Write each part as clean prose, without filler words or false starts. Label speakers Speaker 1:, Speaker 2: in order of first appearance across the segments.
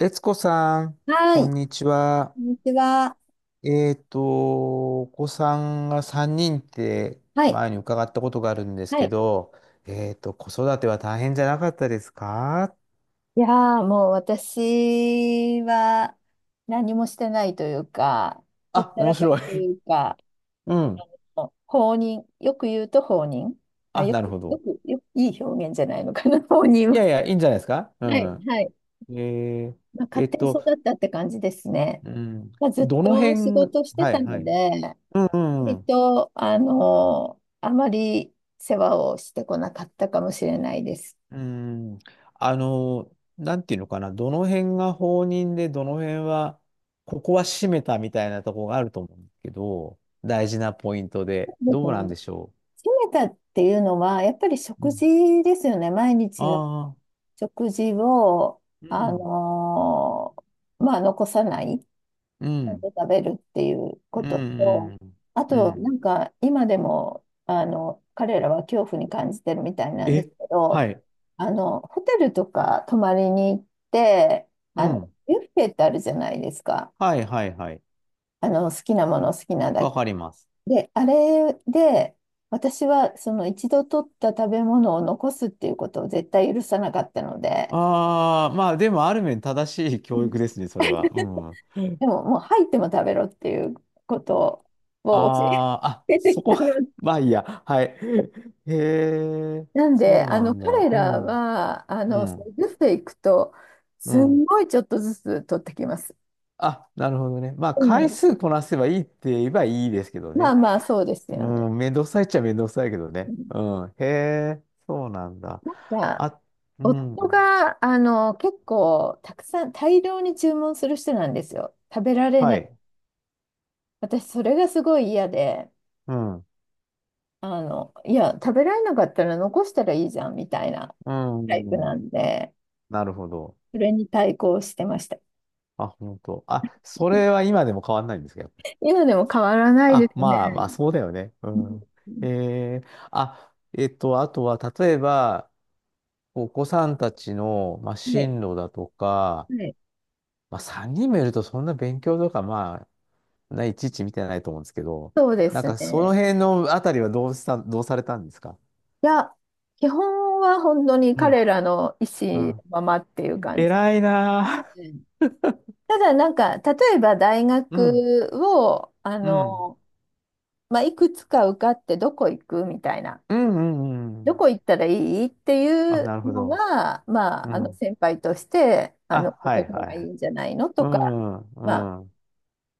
Speaker 1: 悦子さん、
Speaker 2: は
Speaker 1: こ
Speaker 2: い。
Speaker 1: ん
Speaker 2: こ
Speaker 1: にちは。
Speaker 2: んにちは。
Speaker 1: お子さんが3人って
Speaker 2: はい。
Speaker 1: 前に伺ったことがあるんです
Speaker 2: は
Speaker 1: け
Speaker 2: い。
Speaker 1: ど、子育ては大変じゃなかったですか？
Speaker 2: いやー、もう私は何もしてないというか、ほっ
Speaker 1: あ、
Speaker 2: た
Speaker 1: 面
Speaker 2: らかし
Speaker 1: 白
Speaker 2: と
Speaker 1: い。
Speaker 2: いうか、
Speaker 1: うん。
Speaker 2: あ放任、よく言うと放任。あ、
Speaker 1: あ、
Speaker 2: よ
Speaker 1: なる
Speaker 2: く、
Speaker 1: ほ
Speaker 2: よ
Speaker 1: ど。
Speaker 2: く、よく、いい表現じゃないのかな、放任
Speaker 1: い
Speaker 2: は。
Speaker 1: やいや、いいんじゃないですか。う
Speaker 2: はい、
Speaker 1: ん。
Speaker 2: はい。
Speaker 1: えー。
Speaker 2: まあ、
Speaker 1: え
Speaker 2: 勝
Speaker 1: っ
Speaker 2: 手に育
Speaker 1: と、
Speaker 2: ったって感じですね。
Speaker 1: うん。
Speaker 2: まあ、ずっ
Speaker 1: どの
Speaker 2: と仕
Speaker 1: 辺、
Speaker 2: 事して
Speaker 1: は
Speaker 2: た
Speaker 1: い、は
Speaker 2: の
Speaker 1: い。
Speaker 2: で、
Speaker 1: うん、うんう
Speaker 2: 割
Speaker 1: ん。
Speaker 2: と、あまり世話をしてこなかったかもしれないです。
Speaker 1: うーん、あの、なんていうのかな、どの辺が放任で、どの辺は、ここは閉めたみたいなところがあると思うんですけど、大事なポイントで、どうなんでしょ
Speaker 2: めたっていうのは、やっぱり
Speaker 1: う。う
Speaker 2: 食
Speaker 1: ん、
Speaker 2: 事ですよね。毎日の
Speaker 1: ああ、
Speaker 2: 食事を、
Speaker 1: う
Speaker 2: あ
Speaker 1: ん、
Speaker 2: のまあ、残さない、ち
Speaker 1: う
Speaker 2: ゃん
Speaker 1: ん、
Speaker 2: と食べるっていう
Speaker 1: う
Speaker 2: ことと、
Speaker 1: ん、
Speaker 2: あ
Speaker 1: うん、う
Speaker 2: と、
Speaker 1: ん。
Speaker 2: 今でも、彼らは恐怖に感じてるみたいなんです
Speaker 1: え、
Speaker 2: けど、
Speaker 1: はい、
Speaker 2: ホテルとか泊まりに行って、
Speaker 1: うん、
Speaker 2: ビュッフェってあるじゃないですか。
Speaker 1: はい、はい、はい、
Speaker 2: 好きなもの好きなだ
Speaker 1: わ
Speaker 2: け。
Speaker 1: かります。
Speaker 2: で、あれで、私はその一度取った食べ物を残すっていうことを絶対許さなかったので、
Speaker 1: ああ、まあ、でも、ある面正しい
Speaker 2: う
Speaker 1: 教
Speaker 2: ん。
Speaker 1: 育ですね、それは。うん。
Speaker 2: でももう入っても食べろっていうことを教
Speaker 1: あーあ、
Speaker 2: えて
Speaker 1: そ
Speaker 2: きた
Speaker 1: こ
Speaker 2: の。
Speaker 1: まあいいや。はい。へえ、
Speaker 2: なんで、
Speaker 1: そうなんだ。
Speaker 2: 彼
Speaker 1: う
Speaker 2: ら
Speaker 1: ん。
Speaker 2: は、
Speaker 1: う
Speaker 2: ず
Speaker 1: ん。
Speaker 2: つていくと、
Speaker 1: う
Speaker 2: す
Speaker 1: ん。
Speaker 2: んごいちょっとずつ取ってきます。
Speaker 1: あ、なるほどね。まあ、
Speaker 2: う
Speaker 1: 回
Speaker 2: ん、
Speaker 1: 数こなせばいいって言えばいいですけど
Speaker 2: まあ
Speaker 1: ね。
Speaker 2: まあ、そうです
Speaker 1: う
Speaker 2: よね。
Speaker 1: ん、めんどくさいっちゃめんどくさいけど
Speaker 2: う
Speaker 1: ね。
Speaker 2: ん、
Speaker 1: うん。へえ、そうなんだ。
Speaker 2: なんか、
Speaker 1: あ、うん。
Speaker 2: 夫が、結構、たくさん、大量に注文する人なんですよ。食べられな
Speaker 1: は
Speaker 2: い
Speaker 1: い。
Speaker 2: 私、それがすごい嫌で、
Speaker 1: うん。
Speaker 2: いや、食べられなかったら残したらいいじゃんみたいな
Speaker 1: う
Speaker 2: タイプな
Speaker 1: ん。
Speaker 2: んで、
Speaker 1: なるほど。
Speaker 2: それに対抗してました。
Speaker 1: あ、本当。あ、それ は今でも変わんないんですか？
Speaker 2: 今でも変わらないで
Speaker 1: あ、
Speaker 2: すね。
Speaker 1: まあまあ、そうだよね。う
Speaker 2: うん、
Speaker 1: ん。えー、あ、あとは、例えば、お子さんたちの、まあ、
Speaker 2: はい、
Speaker 1: 進路だとか、
Speaker 2: はい、
Speaker 1: まあ、3人もいると、そんな勉強とか、まあ、ない、ちいち見てないと思うんですけど、
Speaker 2: そうで
Speaker 1: なん
Speaker 2: す
Speaker 1: か、その
Speaker 2: ね。
Speaker 1: 辺のあたりはどうした、どうされたんですか？
Speaker 2: いや、基本は本当に
Speaker 1: うん、
Speaker 2: 彼らの意
Speaker 1: う
Speaker 2: 思の
Speaker 1: ん。
Speaker 2: ままっていう感じ
Speaker 1: 偉いなあ。
Speaker 2: で。ただ、例えば大
Speaker 1: うん、
Speaker 2: 学を、
Speaker 1: うん、
Speaker 2: まあ、いくつか受かってどこ行くみたいな。
Speaker 1: うん、うん、う
Speaker 2: ど
Speaker 1: ん。
Speaker 2: こ行ったらいいってい
Speaker 1: あ、
Speaker 2: う
Speaker 1: なるほ
Speaker 2: の
Speaker 1: ど。
Speaker 2: は、ま
Speaker 1: う
Speaker 2: あ、
Speaker 1: ん。
Speaker 2: 先輩として、
Speaker 1: あ、
Speaker 2: こ
Speaker 1: は
Speaker 2: こ
Speaker 1: い、
Speaker 2: の方
Speaker 1: は
Speaker 2: が
Speaker 1: い。
Speaker 2: い
Speaker 1: は
Speaker 2: い
Speaker 1: い。
Speaker 2: んじゃないの
Speaker 1: う
Speaker 2: とか、
Speaker 1: ん、
Speaker 2: まあ、
Speaker 1: うん。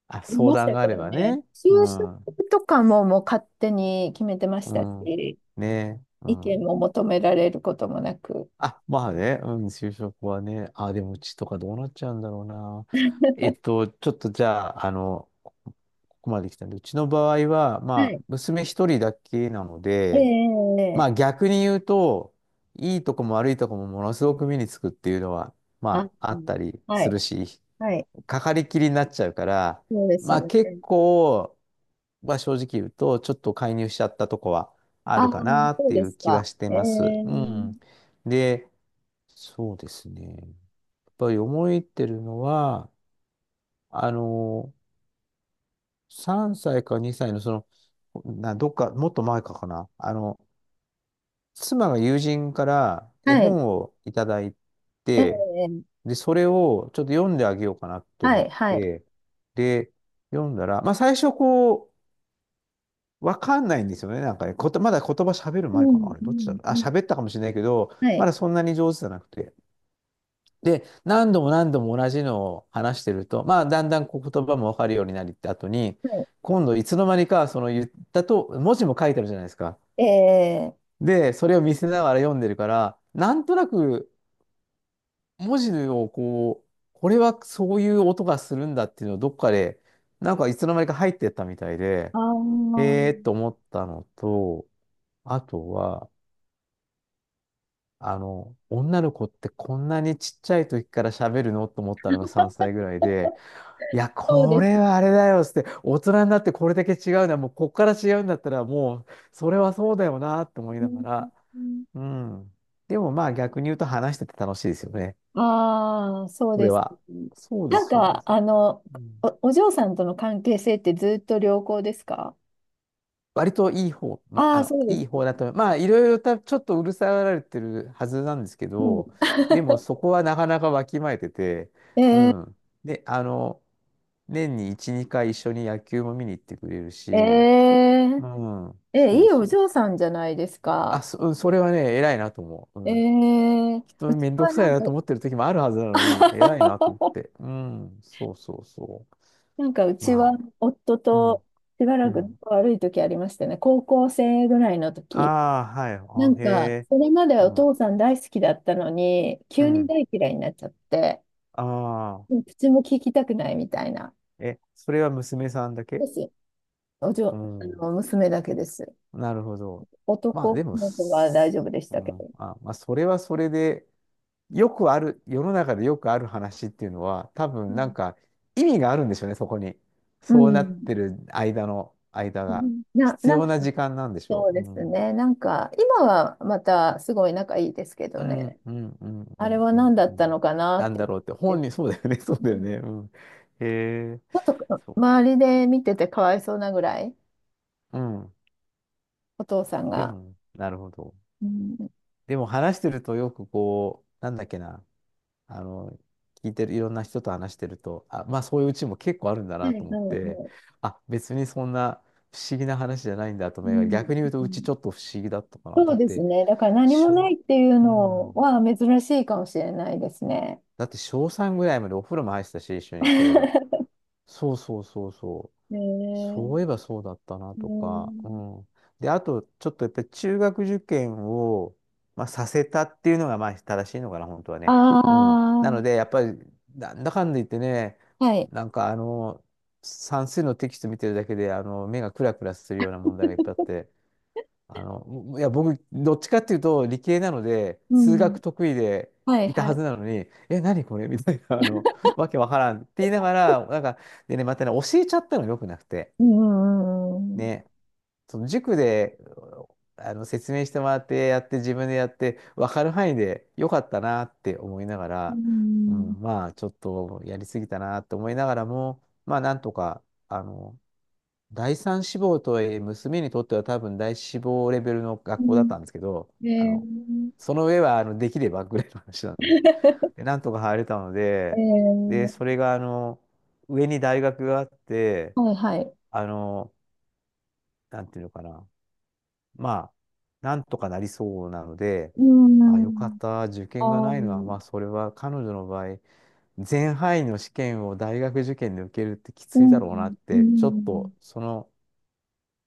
Speaker 1: あ、
Speaker 2: 言い
Speaker 1: 相
Speaker 2: まし
Speaker 1: 談
Speaker 2: た
Speaker 1: があ
Speaker 2: け
Speaker 1: れ
Speaker 2: ど
Speaker 1: ば
Speaker 2: ね、
Speaker 1: ね。
Speaker 2: 就
Speaker 1: うん。
Speaker 2: 職とかももう勝手に決めてまし
Speaker 1: う
Speaker 2: た
Speaker 1: ん。
Speaker 2: し、
Speaker 1: ねえ。う
Speaker 2: 意見
Speaker 1: ん。
Speaker 2: も求められることもなく。
Speaker 1: あ、まあね。うん、就職はね。あ、でもうちとかどうなっちゃうんだろうな。ちょっとじゃあ、ここまで来たんで、うちの場合は、
Speaker 2: は
Speaker 1: ま
Speaker 2: い。
Speaker 1: あ、娘一人だけなので、
Speaker 2: え
Speaker 1: まあ
Speaker 2: え、
Speaker 1: 逆に言うと、いいとこも悪いとこもものすごく目につくっていうのは、
Speaker 2: あ、
Speaker 1: まああ
Speaker 2: う
Speaker 1: っ
Speaker 2: ん、
Speaker 1: たり
Speaker 2: は
Speaker 1: す
Speaker 2: い、
Speaker 1: るし、
Speaker 2: はい、
Speaker 1: かかりきりになっちゃうから、
Speaker 2: そうです
Speaker 1: まあ
Speaker 2: ね。
Speaker 1: 結構、は正直言うと、ちょっと介入しちゃったとこはあ
Speaker 2: ああ、
Speaker 1: るかなっ
Speaker 2: そう
Speaker 1: てい
Speaker 2: で
Speaker 1: う
Speaker 2: す
Speaker 1: 気は
Speaker 2: か。
Speaker 1: して
Speaker 2: え
Speaker 1: ます。う
Speaker 2: え、
Speaker 1: ん。で、そうですね。やっぱり思いってるのは、あの、3歳か2歳のその、な、どっか、もっと前かかな。妻が友人から絵
Speaker 2: はい、
Speaker 1: 本をいただい
Speaker 2: え
Speaker 1: て、
Speaker 2: え、
Speaker 1: で、それをちょっと読んであげようかなと
Speaker 2: は
Speaker 1: 思っ
Speaker 2: い、はい。
Speaker 1: て、で、読んだら、まあ最初こう、わかんないんですよね。なんかね、こと、まだ言葉喋る
Speaker 2: う
Speaker 1: 前かな。
Speaker 2: ん、
Speaker 1: あれ、
Speaker 2: う
Speaker 1: どっちだ
Speaker 2: ん、
Speaker 1: ろう。あ、
Speaker 2: うん、
Speaker 1: 喋ったかもしれないけど、
Speaker 2: は
Speaker 1: ま
Speaker 2: い、
Speaker 1: だそんなに上手じゃなくて。で、何度も何度も同じのを話してると、まあ、だんだんこう言葉もわかるようになりって後に、
Speaker 2: はい。
Speaker 1: 今度いつの間にか、その言ったと、文字も書いてあるじゃないですか。
Speaker 2: ええ、
Speaker 1: で、それを見せながら読んでるから、なんとなく文字をこう、これはそういう音がするんだっていうのをどっかで、なんかいつの間にか入ってったみたいで、
Speaker 2: ああ、
Speaker 1: 思ったのと、あとは、女の子ってこんなにちっちゃい時から喋るのと思ったのが3歳ぐらいで、いや、
Speaker 2: そう
Speaker 1: こ
Speaker 2: で
Speaker 1: れ
Speaker 2: す
Speaker 1: はあれだよっつって、大人になってこれだけ違うのは、もうこっから違うんだったら、もう、それはそうだよなって思いなが
Speaker 2: ね。
Speaker 1: ら、うん。でもまあ逆に言うと話してて楽しいですよね。
Speaker 2: ああ、そう
Speaker 1: こ
Speaker 2: で
Speaker 1: れ
Speaker 2: す
Speaker 1: は。
Speaker 2: ね。
Speaker 1: そうで
Speaker 2: な
Speaker 1: す、
Speaker 2: ん
Speaker 1: そうで
Speaker 2: か、
Speaker 1: す。
Speaker 2: あの、
Speaker 1: うん。
Speaker 2: お嬢さんとの関係性ってずっと良好ですか？
Speaker 1: 割といい方、ま、
Speaker 2: ああー、そうで
Speaker 1: い
Speaker 2: す
Speaker 1: い
Speaker 2: か。
Speaker 1: 方だと思う、まあ、いろいろた、ちょっとうるさがられてるはずなんですけ
Speaker 2: うん。
Speaker 1: ど、でもそこはなかなかわきまえてて、
Speaker 2: え
Speaker 1: う
Speaker 2: ー、
Speaker 1: ん。で、年に1、2回一緒に野球も見に行ってくれるし、
Speaker 2: え
Speaker 1: うん、
Speaker 2: ー、え、
Speaker 1: そ
Speaker 2: い
Speaker 1: う
Speaker 2: いお
Speaker 1: そう
Speaker 2: 嬢
Speaker 1: そう。
Speaker 2: さんじゃないです
Speaker 1: あ、
Speaker 2: か。
Speaker 1: そ、うんそれはね、偉いなと思う。
Speaker 2: え
Speaker 1: うん。
Speaker 2: ー、
Speaker 1: きっ
Speaker 2: う
Speaker 1: と
Speaker 2: ち
Speaker 1: めんど
Speaker 2: は
Speaker 1: く
Speaker 2: な
Speaker 1: さい
Speaker 2: ん
Speaker 1: な
Speaker 2: か、
Speaker 1: と思ってる時もあるはずなのに、偉いなと思っ て。うん、そうそうそ
Speaker 2: なんかう
Speaker 1: う。
Speaker 2: ちは
Speaker 1: まあ、
Speaker 2: 夫
Speaker 1: うん、
Speaker 2: としば
Speaker 1: う
Speaker 2: らく
Speaker 1: ん。
Speaker 2: 仲悪い時ありましたね。高校生ぐらいの時。
Speaker 1: ああ、はい。あ、へえ。
Speaker 2: それまで
Speaker 1: う
Speaker 2: はお
Speaker 1: ん、
Speaker 2: 父さん大好きだったのに、
Speaker 1: う
Speaker 2: 急に
Speaker 1: ん。
Speaker 2: 大嫌いになっちゃって、
Speaker 1: ああ。
Speaker 2: もう口も聞きたくないみたいな。
Speaker 1: え、それは娘さんだ
Speaker 2: で
Speaker 1: け？
Speaker 2: す。おじ
Speaker 1: う
Speaker 2: ょ、あ
Speaker 1: ん。
Speaker 2: の、娘だけです。
Speaker 1: なるほど。まあ
Speaker 2: 男
Speaker 1: でも、
Speaker 2: の子は大
Speaker 1: す、
Speaker 2: 丈夫でし
Speaker 1: う
Speaker 2: たけ
Speaker 1: ん。
Speaker 2: ど。
Speaker 1: あ、まあそれはそれで、よくある、世の中でよくある話っていうのは、多分
Speaker 2: う
Speaker 1: なんか意味があるんでしょうね、そこに。そうなっ
Speaker 2: ん。
Speaker 1: てる間の、間
Speaker 2: う
Speaker 1: が。
Speaker 2: ん。な、
Speaker 1: 必
Speaker 2: な
Speaker 1: 要
Speaker 2: ん
Speaker 1: な
Speaker 2: か、
Speaker 1: 時間なんでしょ
Speaker 2: そう
Speaker 1: う。
Speaker 2: で
Speaker 1: う
Speaker 2: す
Speaker 1: ん。
Speaker 2: ね。今はまたすごい仲いいですけ
Speaker 1: う
Speaker 2: ど
Speaker 1: ん、
Speaker 2: ね。
Speaker 1: うん、うん、う
Speaker 2: あれ
Speaker 1: ん、
Speaker 2: は
Speaker 1: うん。
Speaker 2: 何だ
Speaker 1: う
Speaker 2: った
Speaker 1: ん。
Speaker 2: のかな
Speaker 1: な
Speaker 2: っ
Speaker 1: ん
Speaker 2: て。
Speaker 1: だろうって、本
Speaker 2: ち
Speaker 1: 人、そうだよね、そうだよね。うん。へえ、
Speaker 2: ょっと
Speaker 1: そ
Speaker 2: 周りで見ててかわいそうなぐらい、
Speaker 1: う。うん。
Speaker 2: お父さん
Speaker 1: で
Speaker 2: が。
Speaker 1: も、なるほど。
Speaker 2: うん。
Speaker 1: でも話してるとよくこう、なんだっけな、あの、聞いてる、いろんな人と話してると、あ、まあそういううちも結構あるんだ
Speaker 2: はい
Speaker 1: な
Speaker 2: はい
Speaker 1: と思って、
Speaker 2: はい、
Speaker 1: あ、別にそんな不思議な話じゃないんだと
Speaker 2: う
Speaker 1: 思いながら、
Speaker 2: ん、
Speaker 1: 逆に言うと
Speaker 2: う
Speaker 1: うち
Speaker 2: ん、
Speaker 1: ちょっと不思議だったかな。
Speaker 2: そ
Speaker 1: だ
Speaker 2: う
Speaker 1: っ
Speaker 2: です
Speaker 1: て、
Speaker 2: ね。だから何もな
Speaker 1: 小、
Speaker 2: いっていう
Speaker 1: う
Speaker 2: の
Speaker 1: ん。
Speaker 2: は珍しいかもしれないですね。
Speaker 1: だって小3ぐらいまでお風呂も入ってたし、一緒に、そういえば。そうそうそうそう。
Speaker 2: ねえ。
Speaker 1: そういえばそうだったな
Speaker 2: う
Speaker 1: とか、う
Speaker 2: ん、
Speaker 1: ん。で、あと、ちょっとやっぱり中学受験を、まあ、させたっていうのが、まあ、正しいのかな、本当はね。う
Speaker 2: あ
Speaker 1: ん。なので、やっぱり、なんだかんだ言ってね、
Speaker 2: あ、はい。
Speaker 1: なんか、算数のテキスト見てるだけで、目がクラクラするような問題がいっぱいあって、いや、僕、どっちかっていうと、理系なので、
Speaker 2: う
Speaker 1: 数
Speaker 2: ん。
Speaker 1: 学得意で
Speaker 2: はい
Speaker 1: いた
Speaker 2: は
Speaker 1: は
Speaker 2: い。
Speaker 1: ずなのに、え、何これみたいな、わけわからんって言いながら、なんか、でね、またね、教えちゃったのよくなくて。
Speaker 2: うん、うん、うん、
Speaker 1: ね、その塾であの説明してもらってやって自分でやって分かる範囲でよかったなって思いなが
Speaker 2: う
Speaker 1: ら、う
Speaker 2: ん。
Speaker 1: ん、まあちょっとやりすぎたなって思いながらもまあなんとかあの第三志望とはいえ娘にとっては多分第一志望レベルの
Speaker 2: う
Speaker 1: 学校だっ
Speaker 2: ん。
Speaker 1: たんですけど
Speaker 2: うん、
Speaker 1: あ
Speaker 2: え
Speaker 1: の
Speaker 2: ー、
Speaker 1: その上はあのできればぐらいの話なんで、でなんとか入れたの
Speaker 2: え
Speaker 1: でで
Speaker 2: ー、
Speaker 1: それがあの上に大学があって
Speaker 2: はいはい。
Speaker 1: あのなんていうのかな、まあ、なんとかなりそうなので、
Speaker 2: う
Speaker 1: あ、よかっ
Speaker 2: ん。
Speaker 1: た。受
Speaker 2: あ
Speaker 1: 験が
Speaker 2: あ、
Speaker 1: な
Speaker 2: う
Speaker 1: いのは、ま
Speaker 2: ん。
Speaker 1: あ、それは彼女の場合、全範囲の試験を大学受験で受けるってき
Speaker 2: う
Speaker 1: ついだろうなって、ちょっと
Speaker 2: ん。
Speaker 1: その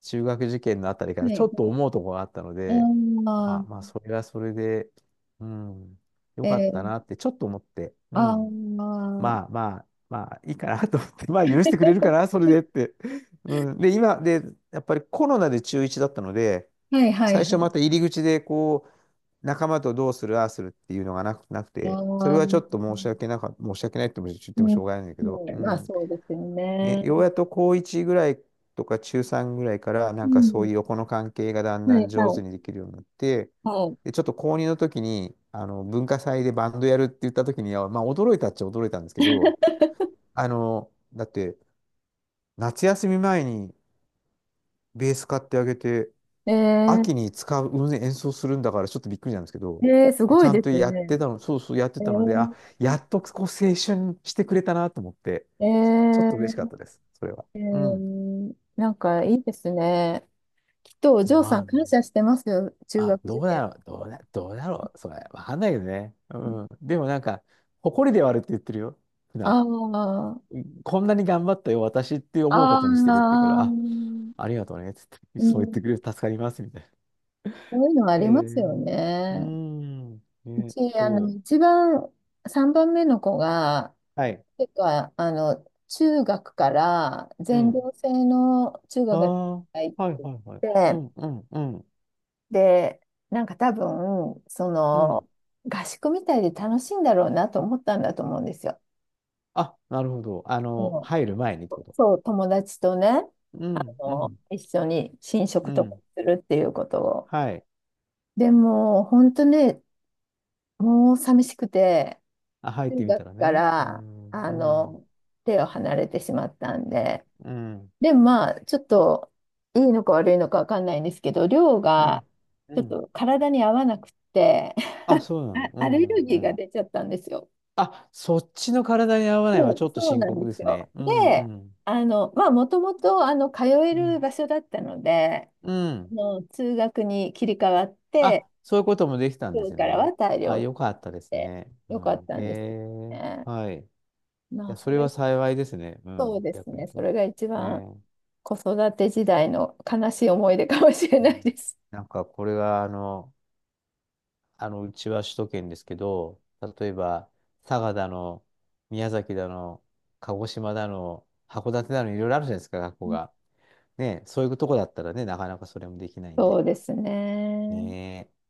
Speaker 1: 中学受験のあたりから
Speaker 2: は
Speaker 1: ちょ
Speaker 2: い。
Speaker 1: っと思うところがあったので、
Speaker 2: ああ、
Speaker 1: あ、まあ、それはそれで、うん、よ
Speaker 2: え
Speaker 1: かった
Speaker 2: ー、
Speaker 1: なってちょっと思って、う
Speaker 2: ああ、
Speaker 1: ん。まあまあ、まあいいかなと思って、まあ許してくれるかな、それでって。うん、で、今、で、やっぱりコロナで中1だったので、
Speaker 2: はいはい
Speaker 1: 最
Speaker 2: は
Speaker 1: 初
Speaker 2: い。
Speaker 1: また入り口でこう、仲間とどうする、ああするっていうのがなく、なく
Speaker 2: いや
Speaker 1: て、それ
Speaker 2: ー、う
Speaker 1: はちょ
Speaker 2: ん、
Speaker 1: っと申し訳なか、申し訳ないって言っ
Speaker 2: う
Speaker 1: てもしょうがないんだけど、う
Speaker 2: ん、まあ
Speaker 1: ん。
Speaker 2: そうですよ
Speaker 1: ね、
Speaker 2: ね。
Speaker 1: ようやっと高1ぐらいとか中3ぐらいから、な
Speaker 2: う
Speaker 1: んかそう
Speaker 2: ん、
Speaker 1: いう横の関係がだん
Speaker 2: は
Speaker 1: だ
Speaker 2: い、
Speaker 1: ん上
Speaker 2: は
Speaker 1: 手
Speaker 2: い、
Speaker 1: にできるようになって、
Speaker 2: は
Speaker 1: で、ちょっと高2の時に、文化祭でバンドやるって言った時には、まあ驚いたっちゃ驚いたんですけど、だって、夏休み前にベース買ってあげて、
Speaker 2: い。え
Speaker 1: 秋に使う、うん演奏するんだからちょっとびっくりなんですけど、
Speaker 2: ー、えー、す
Speaker 1: で
Speaker 2: ご
Speaker 1: ち
Speaker 2: い
Speaker 1: ゃ
Speaker 2: で
Speaker 1: んと
Speaker 2: す
Speaker 1: やっ
Speaker 2: ね。
Speaker 1: てたの、そうそうやって
Speaker 2: え
Speaker 1: たので、あ、
Speaker 2: ー、
Speaker 1: やっとこう青春してくれたなと思って、
Speaker 2: え
Speaker 1: ちょっと嬉しかっ
Speaker 2: ー、
Speaker 1: たです、それは。
Speaker 2: う
Speaker 1: うん。
Speaker 2: ん、なんかいいですね。きっとお嬢
Speaker 1: ま
Speaker 2: さん
Speaker 1: あ
Speaker 2: 感
Speaker 1: ね。
Speaker 2: 謝してますよ、中
Speaker 1: あ、
Speaker 2: 学受
Speaker 1: どうだ
Speaker 2: 験。
Speaker 1: ろう、どうだ、どうだろう、それ。わかんないけどね。うん。でもなんか、誇りではあるって言ってるよ。普段。
Speaker 2: ああ、
Speaker 1: こんなに頑張ったよ、私って思う
Speaker 2: あ
Speaker 1: ことにしてるって言うか
Speaker 2: あ、
Speaker 1: ら、
Speaker 2: う
Speaker 1: あ、
Speaker 2: ん、
Speaker 1: ありがとうね、つって、そう言ってくれる、助かります、みたいな。
Speaker 2: そういうのあ
Speaker 1: え
Speaker 2: りますよ
Speaker 1: ー、うー
Speaker 2: ね。
Speaker 1: ん、
Speaker 2: う
Speaker 1: ね、
Speaker 2: ち、
Speaker 1: そ
Speaker 2: 一番、3番目の子が、
Speaker 1: う。はい。
Speaker 2: てか、中学から
Speaker 1: う
Speaker 2: 全
Speaker 1: ん。
Speaker 2: 寮制の中
Speaker 1: あ
Speaker 2: 学に
Speaker 1: あ、
Speaker 2: 入っ
Speaker 1: はい
Speaker 2: て
Speaker 1: はいはい。う
Speaker 2: て、
Speaker 1: ん、うん、うん、
Speaker 2: で、多分、そ
Speaker 1: うん。
Speaker 2: の、合宿みたいで楽しいんだろうなと思ったんだと思うんですよ。
Speaker 1: あ、なるほど。
Speaker 2: うん、
Speaker 1: 入る前にってこと。
Speaker 2: そう、友達とね、
Speaker 1: うん、うん、
Speaker 2: 一緒に寝食
Speaker 1: う
Speaker 2: とか
Speaker 1: ん。
Speaker 2: するっていうことを。
Speaker 1: はい。
Speaker 2: でも、本当ね、もう寂しくて、
Speaker 1: あ、入っ
Speaker 2: 中
Speaker 1: てみた
Speaker 2: 学
Speaker 1: ら
Speaker 2: か
Speaker 1: ね。う
Speaker 2: ら、
Speaker 1: ん、う
Speaker 2: あ
Speaker 1: ん、
Speaker 2: の、手を離れてしまったんで、
Speaker 1: うん、
Speaker 2: でもまあ、ちょっといいのか悪いのかわかんないんですけど、量
Speaker 1: う
Speaker 2: が
Speaker 1: ん、う
Speaker 2: ちょっ
Speaker 1: ん。
Speaker 2: と体に合わなくって、
Speaker 1: あ、そうなの。う
Speaker 2: あ、アレル
Speaker 1: ん、う
Speaker 2: ギー
Speaker 1: ん、う
Speaker 2: が
Speaker 1: ん。
Speaker 2: 出ちゃったんですよ。
Speaker 1: あ、そっちの体に合わない
Speaker 2: そ
Speaker 1: はち
Speaker 2: う、
Speaker 1: ょっと
Speaker 2: そう
Speaker 1: 深
Speaker 2: なん
Speaker 1: 刻
Speaker 2: で
Speaker 1: で
Speaker 2: す
Speaker 1: す
Speaker 2: よ。
Speaker 1: ね。うん、う
Speaker 2: で、
Speaker 1: ん、
Speaker 2: まあ、もともと通え
Speaker 1: う
Speaker 2: る
Speaker 1: ん、
Speaker 2: 場所だったので、
Speaker 1: うん。
Speaker 2: 通学に切り替わって、
Speaker 1: あ、そういうこともできたん
Speaker 2: 今
Speaker 1: で
Speaker 2: 日
Speaker 1: す
Speaker 2: から
Speaker 1: ね。
Speaker 2: は大
Speaker 1: あ、
Speaker 2: 量し
Speaker 1: よかったです
Speaker 2: て
Speaker 1: ね。う
Speaker 2: よかっ
Speaker 1: ん。
Speaker 2: た
Speaker 1: へ
Speaker 2: んですけど
Speaker 1: え、
Speaker 2: ね。
Speaker 1: はい。い
Speaker 2: まあ、
Speaker 1: や、そ
Speaker 2: そ
Speaker 1: れ
Speaker 2: れ、
Speaker 1: は幸いですね。う
Speaker 2: そう
Speaker 1: ん。
Speaker 2: です
Speaker 1: 逆に
Speaker 2: ね。そ
Speaker 1: と。
Speaker 2: れが一
Speaker 1: ね
Speaker 2: 番
Speaker 1: え。
Speaker 2: 子育て時代の悲しい思い出かもしれ
Speaker 1: う
Speaker 2: ない
Speaker 1: ん。
Speaker 2: です。
Speaker 1: なんか、これは、うちは首都圏ですけど、例えば、佐賀だの、宮崎だの、鹿児島だの、函館だの、いろいろあるじゃないですか、学校が。ねえ、そういうとこだったらね、なかなかそれもできないんで。
Speaker 2: そうですね。
Speaker 1: ねえ。